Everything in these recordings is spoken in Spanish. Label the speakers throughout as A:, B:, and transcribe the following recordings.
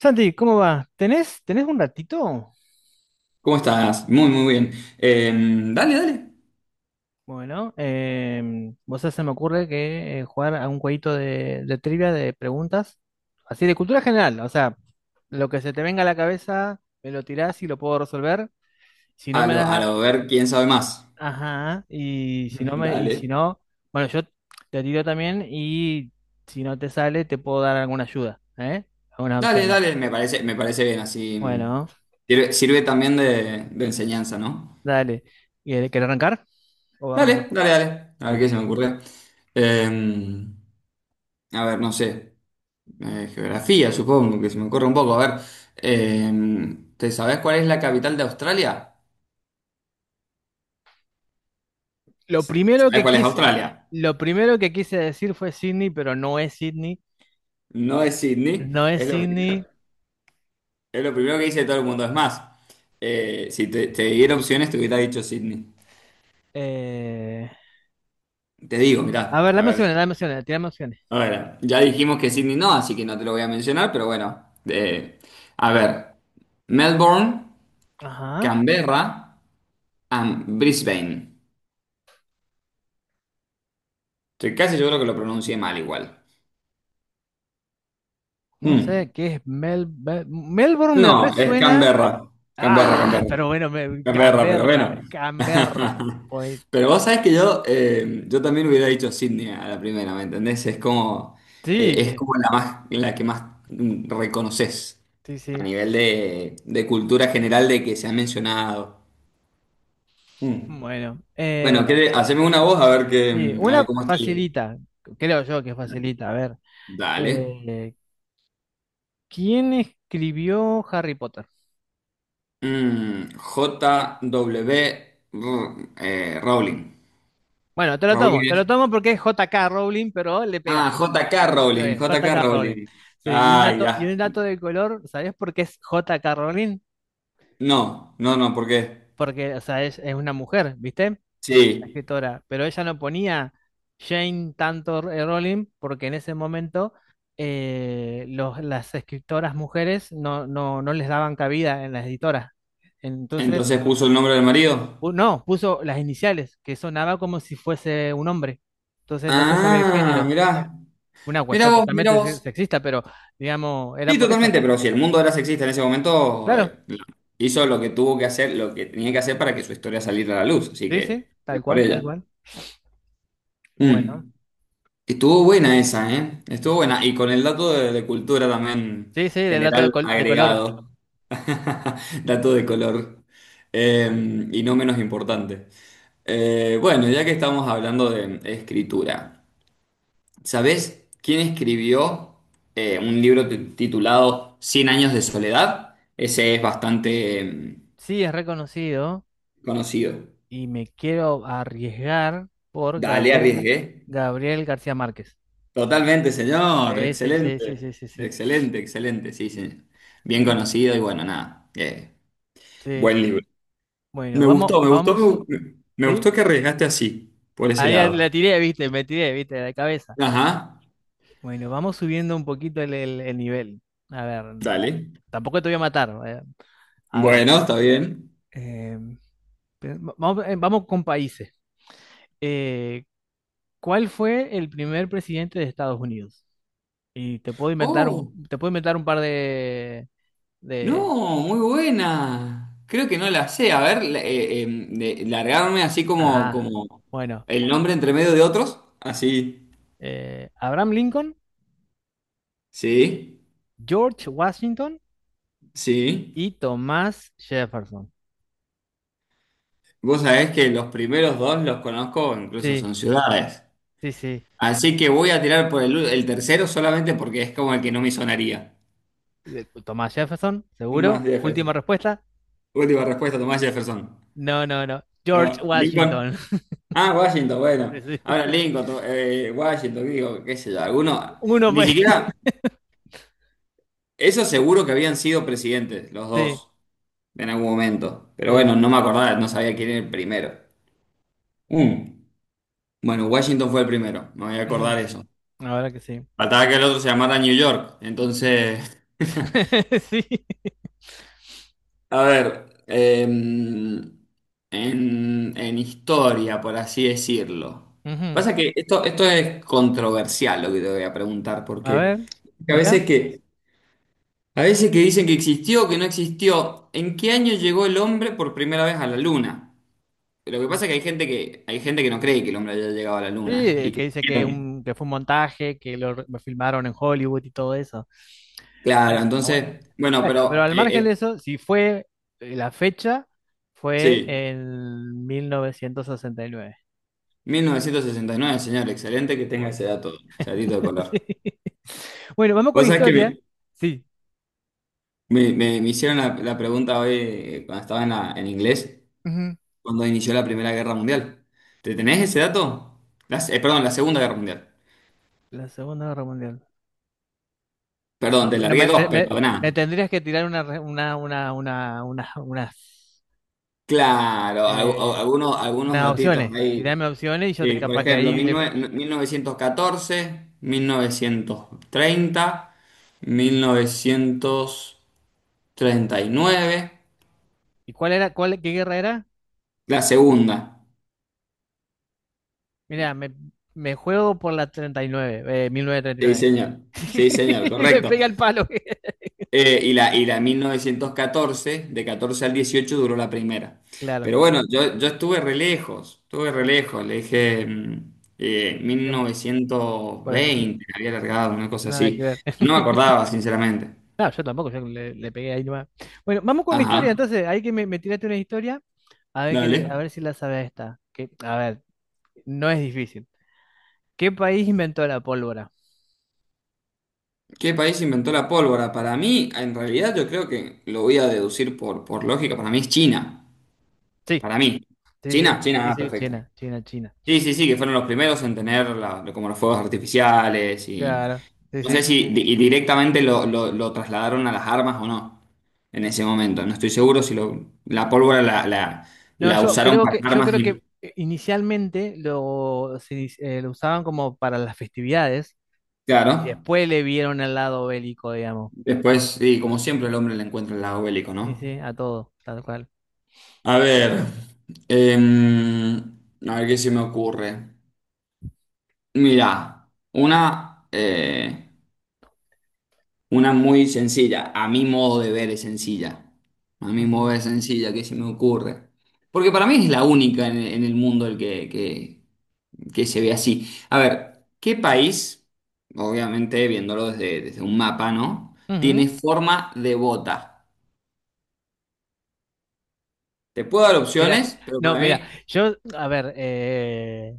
A: Santi, ¿cómo va? ¿Tenés un ratito?
B: ¿Cómo estás? Muy, muy bien. Dale, dale.
A: Bueno, vos sabés, se me ocurre que jugar a un jueguito de trivia de preguntas, así de cultura general, o sea, lo que se te venga a la cabeza, me lo tirás y lo puedo resolver. Si no
B: A
A: me
B: lo,
A: das,
B: a lo ver quién sabe más.
A: ajá, y
B: Dale.
A: si no, bueno, yo te tiro también y si no te sale, te puedo dar alguna ayuda, ¿eh? Algunas
B: Dale,
A: opciones.
B: dale, me parece bien, así
A: Bueno,
B: sirve también de enseñanza, ¿no?
A: dale. ¿Querés arrancar? ¿O arranco yo?
B: Dale, dale, dale. A ver qué
A: Dale.
B: se me ocurre. Em, a ver, no sé. Geografía, supongo, que se me ocurre un poco. A ver, ¿te sabes cuál es la capital de Australia?
A: Lo primero
B: ¿Sabes
A: que
B: cuál es
A: quise,
B: Australia?
A: lo primero que quise decir fue Sydney, pero no es Sydney.
B: No es Sydney,
A: No es
B: es lo primero.
A: Sydney.
B: Es lo primero que dice todo el mundo. Es más, si te diera opciones, te hubiera dicho Sydney.
A: eh,
B: Te digo,
A: A
B: mirá,
A: ver, dame opciones, tirame opciones.
B: a ver, ya dijimos que Sydney no, así que no te lo voy a mencionar, pero bueno. A ver, Melbourne,
A: Ajá.
B: Canberra, and Brisbane. Estoy casi seguro que lo pronuncié mal igual.
A: No sé
B: Mm.
A: qué es Melbourne me
B: No, es
A: resuena.
B: Canberra. Canberra,
A: Ah,
B: Canberra.
A: pero bueno,
B: Es verdad, pero
A: Canberra,
B: bueno.
A: Canberra. Pues
B: Pero vos sabés que yo también hubiera dicho Sydney a la primera, ¿me entendés? Es como, eh, es
A: sí,
B: como la más, la que más reconoces
A: sí,
B: a
A: sí.
B: nivel de cultura general de que se ha mencionado. Mm.
A: Bueno,
B: Bueno, haceme una voz a ver que,
A: sí,
B: a ver
A: una
B: cómo estoy.
A: facilita, creo yo que facilita. A ver,
B: Dale.
A: eh, ¿quién escribió Harry Potter?
B: J W Rowling.
A: Bueno, te lo tomo,
B: Rowling
A: te lo
B: es-
A: tomo porque es J.K. Rowling, pero le
B: Ah,
A: pegaste.
B: J K
A: Está
B: Rowling,
A: bien,
B: J K
A: J.K. Rowling.
B: Rowling.
A: Sí, y un
B: Ah, ya.
A: dato, y un dato de color, ¿sabés por qué es J.K. Rowling?
B: No, no, no, ¿por qué?
A: Porque, o sea, es una mujer, ¿viste? La
B: Sí.
A: escritora. Pero ella no ponía Jane tanto Rowling porque en ese momento las escritoras mujeres no les daban cabida en las editoras. Entonces,
B: Entonces puso el nombre del marido.
A: no, puso las iniciales, que sonaba como si fuese un hombre. Entonces no se sabía el
B: Ah,
A: género.
B: mirá.
A: Una
B: Mirá
A: cuestión
B: vos, mirá
A: totalmente
B: vos.
A: sexista, pero digamos, era
B: Sí,
A: por eso.
B: totalmente, pero si el mundo era sexista en ese momento,
A: Claro,
B: hizo lo que tuvo que hacer, lo que tenía que hacer para que su historia saliera a la luz, así
A: sí, sí,
B: que,
A: tal
B: bien por
A: cual, tal
B: ella.
A: cual. Bueno,
B: Mm. Estuvo buena esa, ¿eh? Estuvo buena. Y con el dato de cultura también
A: sí, sí, del dato
B: general
A: de color.
B: agregado. Dato de color. Y no menos importante. Bueno, ya que estamos hablando de escritura, ¿sabés quién escribió un libro titulado Cien años de soledad? Ese es bastante
A: Sí, es reconocido
B: conocido.
A: y me quiero arriesgar por
B: Dale, arriesgué.
A: Gabriel García Márquez.
B: Totalmente, señor.
A: Sí, sí, sí, sí, sí,
B: Excelente.
A: sí, sí.
B: Excelente, excelente. Sí, sí. Bien conocido y bueno, nada.
A: Sí,
B: Buen libro.
A: bueno,
B: Me
A: vamos,
B: gustó, me
A: vamos,
B: gustó, me
A: ¿sí?
B: gustó que arriesgaste así, por ese
A: Ahí
B: lado.
A: la tiré, viste, me tiré, viste, de la cabeza.
B: Ajá.
A: Bueno, vamos subiendo un poquito el nivel. A ver,
B: Dale.
A: tampoco te voy a matar. A ver.
B: Bueno, está bien.
A: eh, vamos con países. Eh, ¿Cuál fue el primer presidente de Estados Unidos? Y
B: Oh.
A: te puedo inventar un par de,
B: No, muy buena. Creo que no la sé. A ver, largarme así como,
A: ajá.
B: como
A: Bueno,
B: el nombre entre medio de otros. Así.
A: Abraham Lincoln,
B: Sí,
A: George Washington
B: sí. Sí.
A: y Thomas Jefferson.
B: Vos sabés que los primeros dos los conozco, incluso
A: Sí,
B: son ciudades.
A: sí, sí.
B: Así que voy a tirar por el tercero solamente porque es como el que no me sonaría.
A: Thomas Jefferson,
B: Tomás
A: seguro. Última
B: Jefferson.
A: respuesta.
B: Última respuesta, Tomás Jefferson.
A: No, no, no. George
B: No, Lincoln.
A: Washington.
B: Ah, Washington,
A: Sí,
B: bueno.
A: sí.
B: Ahora Lincoln, Washington, digo, qué sé yo, alguno.
A: Uno
B: Ni
A: fue.
B: siquiera. Eso seguro que habían sido presidentes, los
A: Sí,
B: dos, en algún momento. Pero bueno,
A: sí.
B: no me acordaba, no sabía quién era el primero. Mm. Bueno, Washington fue el primero, me voy a
A: Ujú.
B: acordar eso.
A: Ahora que sí.
B: Faltaba que el otro se llamara New York. Entonces,
A: Sí.
B: a ver, en historia, por así decirlo.
A: Ujú.
B: Pasa que esto es controversial lo que te voy a preguntar,
A: A
B: porque
A: ver,
B: a
A: tira.
B: veces que, a veces que dicen que existió, que no existió, ¿en qué año llegó el hombre por primera vez a la luna? Lo que
A: Mm.
B: pasa es que hay gente que no cree que el hombre haya llegado a la luna. Y
A: Sí, que
B: que,
A: dice que, que fue un montaje, que lo filmaron en Hollywood y todo eso.
B: claro,
A: Bueno, está bueno.
B: entonces, bueno,
A: Bueno, pero
B: pero
A: al margen de eso, si fue la fecha, fue
B: sí,
A: en 1969.
B: 1969, señor, excelente que tenga
A: Muy
B: ese dato,
A: bien.
B: ese datito de
A: Sí.
B: color.
A: Bueno, vamos con
B: Vos sabés que me,
A: historia. Sí.
B: me- me- me hicieron la pregunta hoy, cuando estaba en inglés,
A: Ujú.
B: cuando inició la Primera Guerra Mundial. ¿Te tenés ese dato? Perdón, la Segunda Guerra Mundial.
A: La Segunda Guerra Mundial. Ah,
B: Perdón, te
A: no,
B: largué
A: me,
B: dos,
A: me- me-
B: pero nada.
A: me tendrías que tirar
B: Claro, algu-
A: eh,
B: algunos, algunos
A: unas
B: datitos
A: opciones.
B: ahí.
A: Tirarme opciones y yo
B: Sí, por
A: capaz que
B: ejemplo,
A: ahí
B: mil mil
A: le,
B: mil novecientos novecientos catorce, 1930, 1939,
A: ¿Y qué guerra era?
B: la segunda.
A: Mira, me juego por la 39, mil novecientos treinta Y
B: Sí,
A: nueve.
B: señor. Sí, señor,
A: Y le
B: correcto.
A: pega el palo.
B: Y la 1914, de 14 al 18 duró la primera.
A: Claro,
B: Pero bueno, yo estuve re lejos, estuve re lejos. Le dije mil
A: de
B: novecientos
A: 45.
B: veinte, había alargado, una cosa
A: Nada que
B: así.
A: ver.
B: No me acordaba, sinceramente.
A: No, yo tampoco, yo le pegué ahí nomás. Bueno, vamos con una
B: Ajá,
A: historia, entonces, ahí que me tiraste una historia, a ver, a
B: dale.
A: ver si la sabes esta. Que, a ver, no es difícil. ¿Qué país inventó la pólvora?
B: ¿Qué país inventó la pólvora? Para mí, en realidad yo creo que lo voy a deducir por, lógica, para mí es China.
A: Sí,
B: Para mí.
A: sí,
B: China,
A: sí,
B: China,
A: sí,
B: ah,
A: sí,
B: perfecto.
A: China, China, China.
B: Sí, sí, sí, que fueron los primeros en tener como los fuegos artificiales y
A: Claro, sí,
B: no sé
A: sí.
B: si y directamente lo trasladaron a las armas o no en ese momento. No estoy seguro si la pólvora la, la-
A: No,
B: la usaron para
A: yo
B: armas
A: creo que
B: y
A: inicialmente lo usaban como para las festividades y
B: claro,
A: después le vieron el lado bélico, digamos.
B: después, y como siempre el hombre le encuentra el lado bélico,
A: Y
B: ¿no?
A: sí, a todo, tal cual.
B: A ver, em, a ver qué se me ocurre. Mira, una muy sencilla, a mi modo de ver es sencilla, a mi modo de
A: Ujú.
B: ver es sencilla que se me ocurre. Porque para mí es la única en el mundo el que se ve así. A ver, ¿qué país, obviamente viéndolo desde un mapa, ¿no? Tiene
A: Ujú.
B: forma de bota. Te puedo dar
A: Mira,
B: opciones, pero
A: no,
B: para
A: mira,
B: mí,
A: yo, a ver,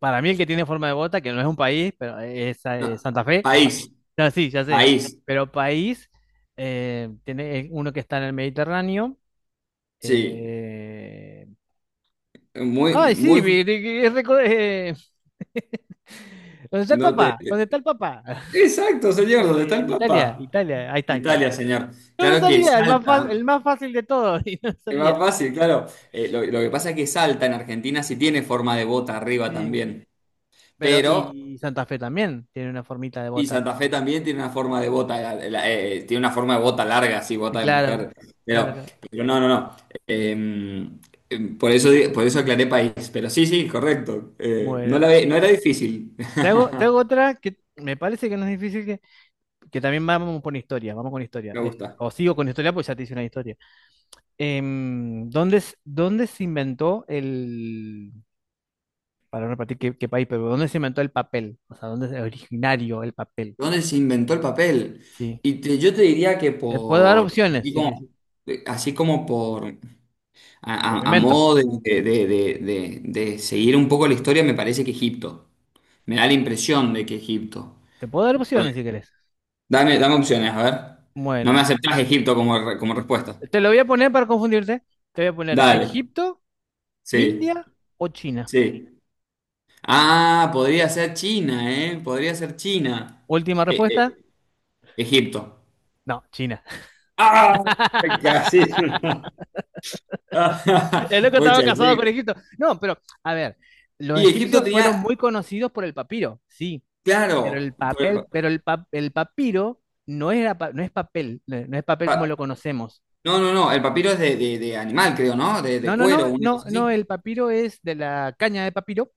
A: para mí el que tiene forma de bota, que no es un país, pero es,
B: no.
A: Santa Fe,
B: País,
A: no, sí, ya sé,
B: país,
A: pero país, tiene uno que está en el Mediterráneo.
B: sí.
A: eh,
B: Muy,
A: Ay, sí,
B: muy,
A: ¿Dónde está el
B: no te...
A: papá? ¿Dónde está el papá?
B: Exacto, señor, ¿dónde está el
A: Italia,
B: papá?
A: Italia, ahí está Italia.
B: Italia, señor.
A: No me
B: Claro que
A: salía,
B: Salta,
A: el más fácil de todos, y no me
B: es
A: salía.
B: más fácil, claro. Lo que pasa es que Salta en Argentina sí tiene forma de bota arriba
A: Sí,
B: también,
A: pero
B: pero,
A: y Santa Fe también tiene una formita de
B: y
A: bota.
B: Santa Fe también tiene una forma de bota, tiene una forma de bota larga, sí,
A: Sí,
B: bota de
A: claro,
B: mujer,
A: claro,
B: pero,
A: claro.
B: pero no, no, no. Eh, por eso aclaré país, pero sí, sí, correcto. Eh, no
A: Bueno,
B: la ve- no era difícil.
A: te hago otra que me parece que no es difícil, que también vamos con historia, vamos con historia.
B: Me gusta.
A: O sigo con historia, pues ya te hice una historia. ¿Dónde, s- dónde se inventó el, Para repartir qué, qué país, pero ¿dónde se inventó el papel? O sea, ¿dónde es originario el papel?
B: ¿Dónde se inventó el papel?
A: Sí.
B: Y yo te diría que
A: Te puedo dar
B: por,
A: opciones,
B: así
A: sí que
B: como,
A: sí.
B: así como por, a,
A: Como
B: a
A: invento.
B: modo de seguir un poco la historia, me parece que Egipto. Me da la impresión de que Egipto.
A: Te puedo dar
B: Bueno,
A: opciones si querés.
B: dame opciones, a ver. No me
A: Bueno,
B: aceptás Egipto como respuesta.
A: te lo voy a poner para confundirte. Te voy a poner
B: Dale,
A: Egipto,
B: sí,
A: India o China.
B: sí. Ah, podría ser China, ¿eh? Podría ser China.
A: Última
B: Eh,
A: respuesta.
B: eh, Egipto.
A: No, China.
B: ¡Ah! Casi.
A: El loco estaba
B: Pucha,
A: casado con Egipto. No, pero, a ver, los
B: y Egipto
A: egipcios fueron
B: tenía,
A: muy conocidos por el papiro, sí, pero el
B: claro, por el
A: papel, pero el, pa- el papiro no es papel, no es papel como
B: pa-
A: lo conocemos.
B: no, no, no, el papiro es de animal, creo, ¿no? De
A: No, no,
B: cuero,
A: no,
B: una
A: no,
B: cosa
A: no,
B: así.
A: el papiro es de la caña de papiro.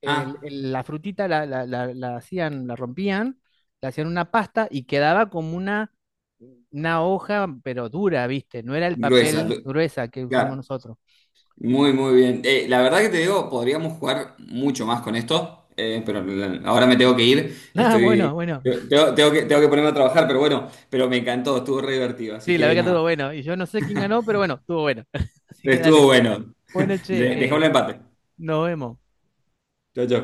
B: Ah,
A: La frutita la hacían, la rompían, la hacían una pasta y quedaba como una hoja, pero dura, ¿viste? No era el
B: gruesa,
A: papel gruesa que usamos
B: claro,
A: nosotros.
B: muy, muy bien. La verdad que te digo, podríamos jugar mucho más con esto, pero ahora me tengo que ir,
A: Ah, bueno,
B: estoy,
A: bueno.
B: tengo que ponerme a trabajar, pero bueno, pero me encantó, estuvo re divertido, así
A: Sí, la
B: que
A: verdad que
B: nada,
A: estuvo bueno. Y yo no sé quién ganó, pero bueno, estuvo bueno. Así que
B: estuvo
A: dale.
B: bueno.
A: Bueno, che,
B: Dejamos el
A: eh,
B: empate.
A: nos vemos.
B: Chau, chau.